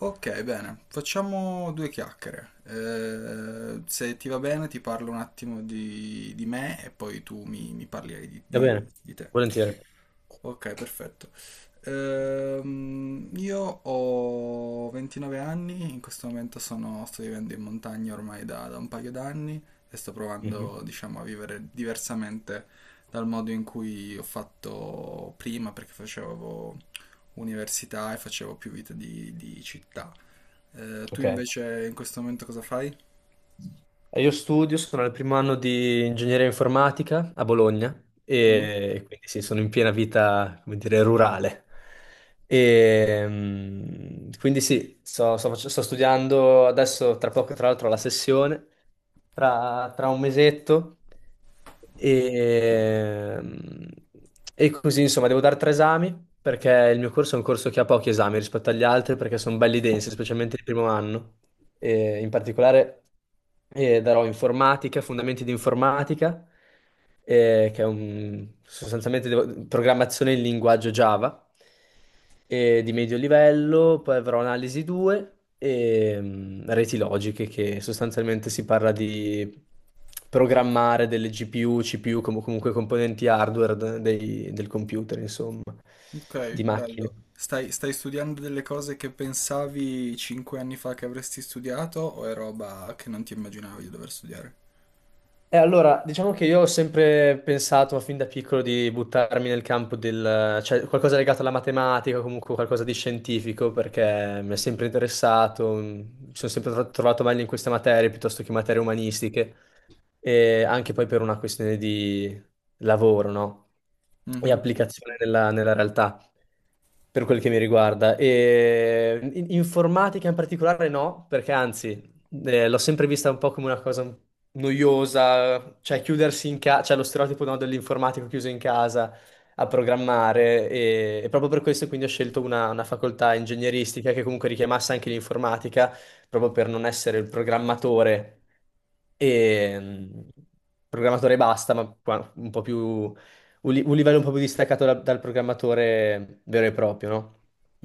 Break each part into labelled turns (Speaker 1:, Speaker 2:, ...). Speaker 1: Ok, bene, facciamo due chiacchiere. Se ti va bene, ti parlo un attimo di me e poi tu mi parli di,
Speaker 2: Va
Speaker 1: di-
Speaker 2: bene,
Speaker 1: di te.
Speaker 2: volentieri.
Speaker 1: Ok, perfetto. Io ho 29 anni, in questo momento sto vivendo in montagna ormai da un paio d'anni e sto
Speaker 2: Mhm.
Speaker 1: provando, diciamo, a vivere diversamente dal modo in cui ho fatto prima, perché facevo università e facevo più vita di città. Tu
Speaker 2: Ok.
Speaker 1: invece in questo momento cosa fai?
Speaker 2: Io studio, sono al primo anno di ingegneria informatica a Bologna
Speaker 1: Mm.
Speaker 2: e quindi sì, sono in piena vita, come dire, rurale. Quindi sì, sto studiando adesso, tra poco tra l'altro, la sessione, tra un mesetto e, mm, e così insomma devo dare tre esami, perché il mio corso è un corso che ha pochi esami rispetto agli altri perché sono belli densi, specialmente il primo anno, in particolare, darò informatica, fondamenti di informatica, che è un, sostanzialmente devo- programmazione in linguaggio Java, di medio livello. Poi avrò analisi 2 e reti logiche, che sostanzialmente si parla di programmare delle GPU, CPU, comunque componenti hardware del computer, insomma,
Speaker 1: Ok,
Speaker 2: di macchine.
Speaker 1: bello. Stai studiando delle cose che pensavi cinque anni fa che avresti studiato o è roba che non ti immaginavi di dover studiare?
Speaker 2: E allora, diciamo che io ho sempre pensato fin da piccolo di buttarmi nel campo del, cioè qualcosa legato alla matematica, o comunque qualcosa di scientifico, perché mi è sempre interessato, mi sono sempre trovato meglio in queste materie piuttosto che materie umanistiche, e anche poi per una questione di lavoro, no? E
Speaker 1: Mhm.
Speaker 2: applicazione nella realtà, per quel che mi riguarda. E informatica in particolare no, perché anzi, l'ho sempre vista un po' come una cosa noiosa, cioè chiudersi in casa, cioè lo stereotipo, no, dell'informatico chiuso in casa a programmare. E, e proprio per questo quindi ho scelto una facoltà ingegneristica che comunque richiamasse anche l'informatica, proprio per non essere il programmatore, e mm, programmatore basta, ma un po' più un, un livello un po' più distaccato dal programmatore vero e proprio, no?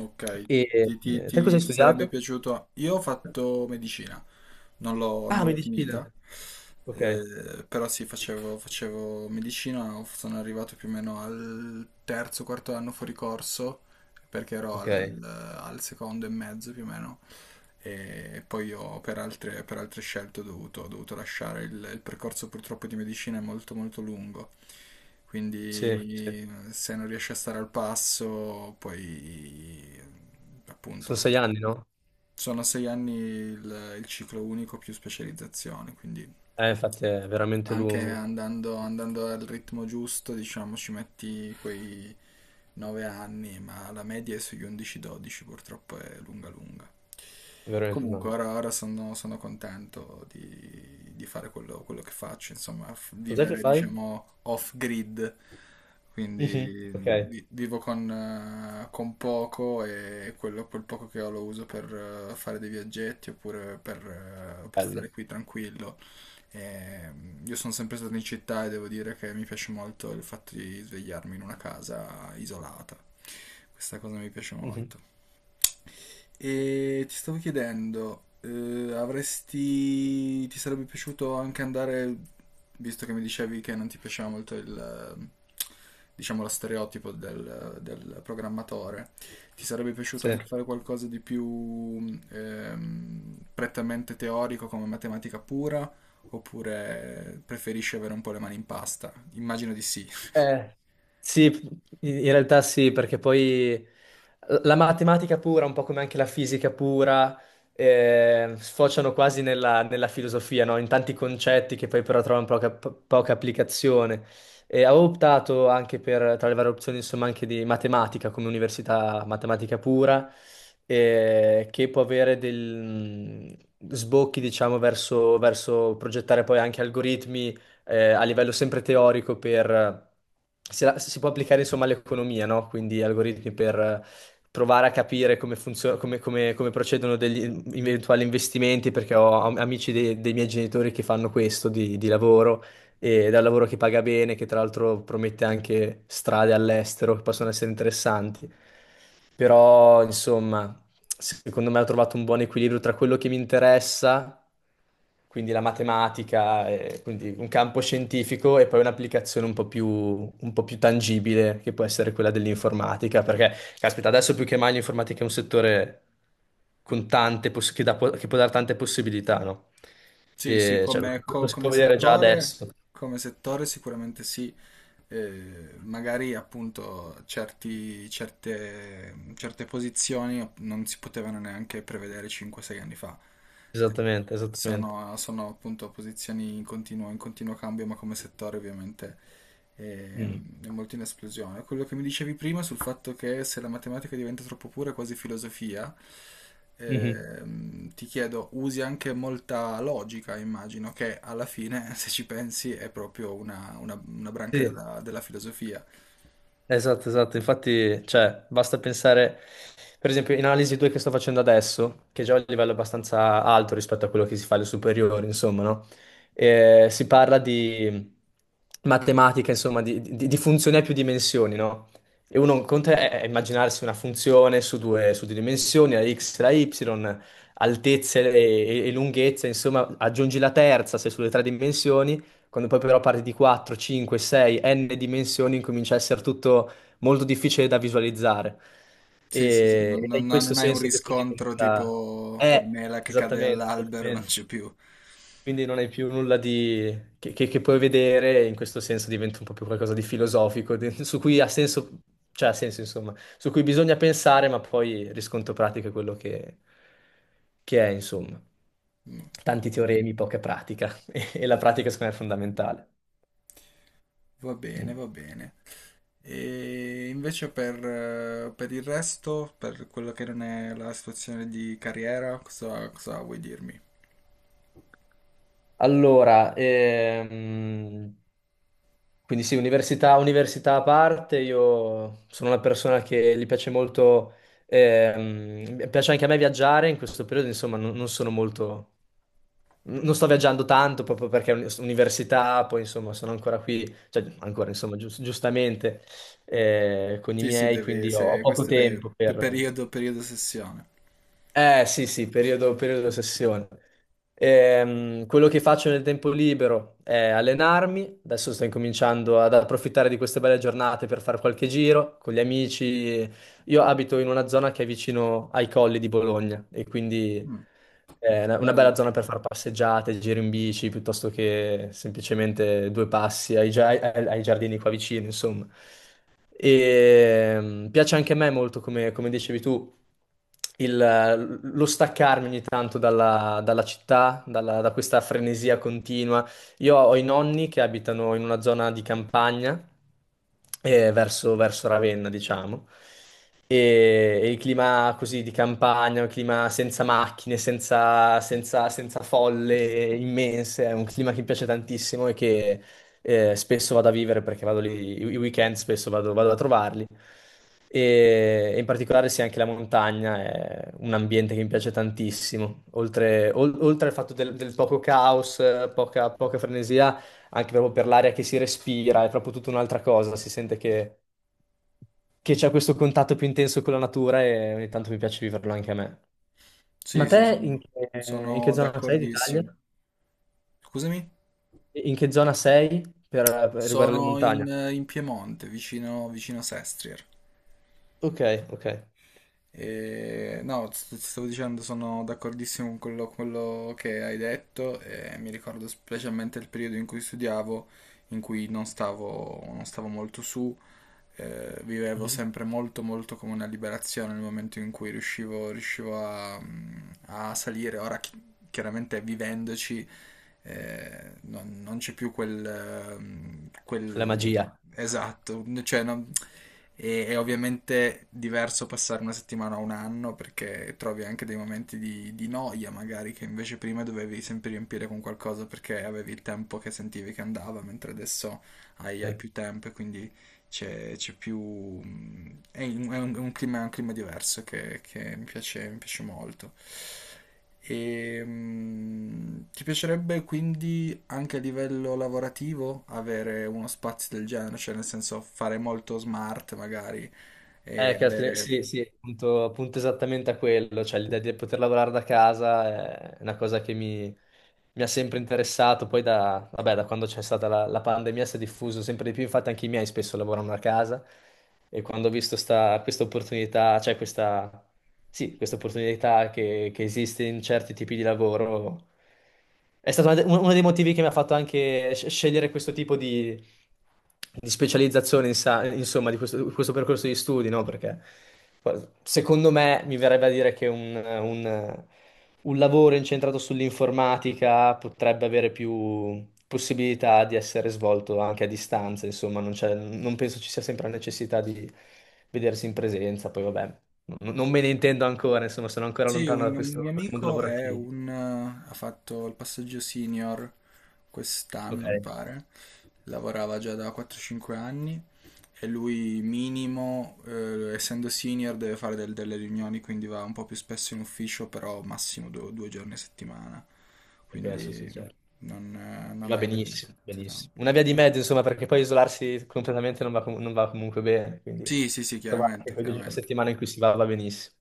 Speaker 1: Ok,
Speaker 2: E
Speaker 1: ti, ti-
Speaker 2: te cosa
Speaker 1: ti-
Speaker 2: hai
Speaker 1: ti sarebbe
Speaker 2: studiato?
Speaker 1: piaciuto? Io ho fatto medicina, non l'ho
Speaker 2: Ah,
Speaker 1: non l'ho finita.
Speaker 2: medicina. Ok,
Speaker 1: Però sì, facevo medicina, sono arrivato più o meno al terzo, quarto anno fuori corso, perché ero al,
Speaker 2: ok.
Speaker 1: al secondo e mezzo più o meno, e poi ho per altre scelte ho dovuto lasciare il percorso. Purtroppo di medicina è molto molto lungo,
Speaker 2: Sì, sì.
Speaker 1: quindi se non riesci a stare al passo, poi
Speaker 2: Sono
Speaker 1: appunto
Speaker 2: 6 anni, no?
Speaker 1: sono sei anni il ciclo unico più specializzazione, quindi...
Speaker 2: Infatti è veramente
Speaker 1: Anche
Speaker 2: lungo,
Speaker 1: andando, andando al ritmo giusto, diciamo, ci metti quei 9 anni, ma la media è sugli 11-12, purtroppo è lunga lunga.
Speaker 2: è veramente
Speaker 1: Comunque,
Speaker 2: lungo.
Speaker 1: ora sono, sono contento di fare quello, quello che faccio, insomma,
Speaker 2: Cos'è che
Speaker 1: vivere,
Speaker 2: fai?
Speaker 1: diciamo, off-grid,
Speaker 2: Mhm.
Speaker 1: quindi
Speaker 2: Ok,
Speaker 1: vivo con poco e quello, quel poco che ho lo uso per fare dei viaggetti oppure per
Speaker 2: bello.
Speaker 1: stare qui tranquillo. Eh, io sono sempre stato in città e devo dire che mi piace molto il fatto di svegliarmi in una casa isolata. Questa cosa mi piace
Speaker 2: Mhm.
Speaker 1: molto. E ti stavo chiedendo, avresti... ti sarebbe piaciuto anche andare, visto che mi dicevi che non ti piaceva molto il diciamo, lo stereotipo del, del programmatore, ti sarebbe piaciuto
Speaker 2: Sì.
Speaker 1: anche fare qualcosa di più prettamente teorico come matematica pura, oppure preferisci avere un po' le mani in pasta? Immagino di sì.
Speaker 2: Eh, sì, in realtà sì, perché poi la matematica pura, un po' come anche la fisica pura, sfociano quasi nella filosofia, no? In tanti concetti che poi però trovano poca applicazione. E avevo optato anche per, tra le varie opzioni, insomma, anche di matematica come università matematica pura, che può avere dei sbocchi, diciamo, verso progettare poi anche algoritmi, a livello sempre teorico per... Si può applicare insomma all'economia, no? Quindi algoritmi per provare a capire come funziona, come, come procedono degli eventuali investimenti, perché ho amici dei miei genitori che fanno questo di lavoro, ed è un lavoro che paga bene, che tra l'altro promette anche strade all'estero che possono essere interessanti. Però, insomma, secondo me ho trovato un buon equilibrio tra quello che mi interessa, quindi la matematica, e quindi un campo scientifico, e poi un'applicazione un po' più tangibile, che può essere quella dell'informatica, perché, caspita, adesso più che mai l'informatica è un settore con tante che può dare tante possibilità, no?
Speaker 1: Sì, sì,
Speaker 2: E, cioè, lo,
Speaker 1: come,
Speaker 2: lo si può vedere già adesso.
Speaker 1: come settore sicuramente sì. Magari appunto certe, certe posizioni non si potevano neanche prevedere 5-6 anni fa. Eh,
Speaker 2: Esattamente, esattamente.
Speaker 1: Sono, sono appunto posizioni in continuo cambio, ma come settore ovviamente è,
Speaker 2: Mm.
Speaker 1: è molto in esplosione. Quello che mi dicevi prima sul fatto che se la matematica diventa troppo pura, è quasi filosofia,
Speaker 2: Mhm.
Speaker 1: ti chiedo, usi anche molta logica, immagino, che alla fine, se ci pensi, è proprio una, una branca
Speaker 2: Sì.
Speaker 1: della, della filosofia.
Speaker 2: Esatto, esatto, infatti, cioè, basta pensare, per esempio, in analisi 2 che sto facendo adesso, che è un livello abbastanza alto rispetto a quello che si fa alle superiori, insomma, no? Si parla di matematica, insomma, di funzioni a più dimensioni, no? E uno un conto è, immaginarsi una funzione su due dimensioni, la x e la y, altezze e, e lunghezze. Insomma, aggiungi la terza, sei sulle tre dimensioni. Quando poi però parti di 4, 5, 6, n dimensioni, comincia a essere tutto molto difficile da visualizzare.
Speaker 1: Sì, sì, sì,
Speaker 2: E,
Speaker 1: non,
Speaker 2: ed è in
Speaker 1: no,
Speaker 2: questo
Speaker 1: non hai un
Speaker 2: senso che poi
Speaker 1: riscontro
Speaker 2: diventa...
Speaker 1: tipo la
Speaker 2: Eh,
Speaker 1: mela che cade
Speaker 2: Esattamente,
Speaker 1: all'albero, non
Speaker 2: esattamente.
Speaker 1: c'è più.
Speaker 2: Quindi non hai più nulla di... che, che puoi vedere, e in questo senso diventa un po' più qualcosa di filosofico, su cui ha senso, cioè ha senso insomma, su cui bisogna pensare, ma poi il riscontro pratico è quello che è, insomma.
Speaker 1: Mm, ok.
Speaker 2: Tanti teoremi, poca pratica. E la pratica secondo me è fondamentale.
Speaker 1: Va bene,
Speaker 2: Mm.
Speaker 1: va bene. E invece per il resto, per quello che non è la situazione di carriera, cosa, cosa vuoi dirmi?
Speaker 2: Allora, quindi sì, università, università a parte, io sono una persona che gli piace molto. Mi piace anche a me viaggiare. In questo periodo insomma non sono molto, non sto viaggiando tanto proprio perché è università. Poi insomma sono ancora qui, cioè ancora insomma giustamente, con i
Speaker 1: Sì, sì,
Speaker 2: miei.
Speaker 1: devi,
Speaker 2: Quindi ho
Speaker 1: se,
Speaker 2: poco
Speaker 1: questo è
Speaker 2: tempo
Speaker 1: per
Speaker 2: per...
Speaker 1: periodo, periodo sessione.
Speaker 2: Eh sì, sì, periodo sessione. Quello che faccio nel tempo libero è allenarmi. Adesso sto incominciando ad approfittare di queste belle giornate per fare qualche giro con gli amici. Io abito in una zona che è vicino ai colli di Bologna, e quindi
Speaker 1: Mm,
Speaker 2: è una bella
Speaker 1: bello.
Speaker 2: zona per fare passeggiate, giri in bici, piuttosto che semplicemente due passi ai giardini qua vicino, insomma. E piace anche a me molto, come, come dicevi tu, lo staccarmi ogni tanto dalla città, da questa frenesia continua. Io ho i nonni che abitano in una zona di campagna, verso Ravenna, diciamo. E il clima così di campagna, un clima senza macchine, senza folle immense, è un clima che mi piace tantissimo, e spesso vado a vivere perché vado lì, i weekend spesso vado a trovarli. E in particolare sì, anche la montagna è un ambiente che mi piace tantissimo. Oltre al fatto del poco caos, poca, poca frenesia. Anche proprio per l'aria che si respira, è proprio tutta un'altra cosa. Si sente che c'è questo contatto più intenso con la natura, e ogni tanto mi piace viverlo anche a me. Ma
Speaker 1: Sì, sì,
Speaker 2: te in
Speaker 1: sono,
Speaker 2: che, in che
Speaker 1: sono
Speaker 2: zona sei d'Italia?
Speaker 1: d'accordissimo. Scusami?
Speaker 2: In che zona sei per riguardo alle
Speaker 1: Sono in,
Speaker 2: montagne?
Speaker 1: in Piemonte, vicino, vicino Sestrier.
Speaker 2: Ok, ok.
Speaker 1: E no, ti stavo dicendo, sono d'accordissimo con quello, quello che hai detto e mi ricordo specialmente il periodo in cui studiavo, in cui non stavo, non stavo molto su, vivevo
Speaker 2: Mhm.
Speaker 1: sempre molto molto come una liberazione nel momento in cui riuscivo, riuscivo a, a salire. Ora chiaramente vivendoci non, non c'è più quel,
Speaker 2: La
Speaker 1: quel...
Speaker 2: magia.
Speaker 1: Esatto, cioè, non- è ovviamente diverso passare una settimana a un anno perché trovi anche dei momenti di noia magari che invece prima dovevi sempre riempire con qualcosa perché avevi il tempo che sentivi che andava, mentre adesso hai
Speaker 2: Eh,
Speaker 1: più tempo e quindi c'è più... è un, è un clima diverso che mi piace molto. E, ti piacerebbe quindi anche a livello lavorativo avere uno spazio del genere, cioè nel senso fare molto smart magari e
Speaker 2: caspita,
Speaker 1: avere...
Speaker 2: sì, sì, appunto, appunto esattamente a quello, cioè l'idea di poter lavorare da casa è una cosa che mi ha sempre interessato. Poi da, vabbè, da quando c'è stata la pandemia si è diffuso sempre di più, infatti anche i miei spesso lavorano a casa. E quando ho visto questa opportunità, cioè questa, sì, questa opportunità che esiste in certi tipi di lavoro, è stato una uno dei motivi che mi ha fatto anche scegliere questo tipo di specializzazione, insomma, di questo percorso di studi, no? Perché guarda, secondo me mi verrebbe a dire che un lavoro incentrato sull'informatica potrebbe avere più possibilità di essere svolto anche a distanza, insomma. Non penso ci sia sempre la necessità di vedersi in presenza. Poi vabbè, non me ne intendo ancora, insomma, sono ancora
Speaker 1: Sì,
Speaker 2: lontano da
Speaker 1: un mio
Speaker 2: questo dal mondo
Speaker 1: amico è
Speaker 2: lavorativo.
Speaker 1: un, ha fatto il passaggio senior
Speaker 2: Ok,
Speaker 1: quest'anno, mi pare. Lavorava già da 4-5 anni. E lui minimo, essendo senior, deve fare delle riunioni, quindi va un po' più spesso in ufficio, però massimo due, due giorni a settimana.
Speaker 2: ok, sì, sì,
Speaker 1: Quindi
Speaker 2: certo.
Speaker 1: non, non
Speaker 2: Va
Speaker 1: hai
Speaker 2: benissimo,
Speaker 1: veramente tanto
Speaker 2: benissimo.
Speaker 1: tempo.
Speaker 2: Una via di mezzo, insomma, perché poi isolarsi completamente non va comunque bene. Quindi
Speaker 1: Sì, sì, sì,
Speaker 2: trovare anche
Speaker 1: chiaramente,
Speaker 2: quel giorno a
Speaker 1: chiaramente.
Speaker 2: settimana in cui si va benissimo.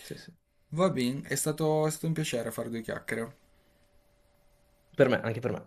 Speaker 2: Sì, sì.
Speaker 1: Va bene, è stato un piacere fare due chiacchiere.
Speaker 2: Per me, anche per me.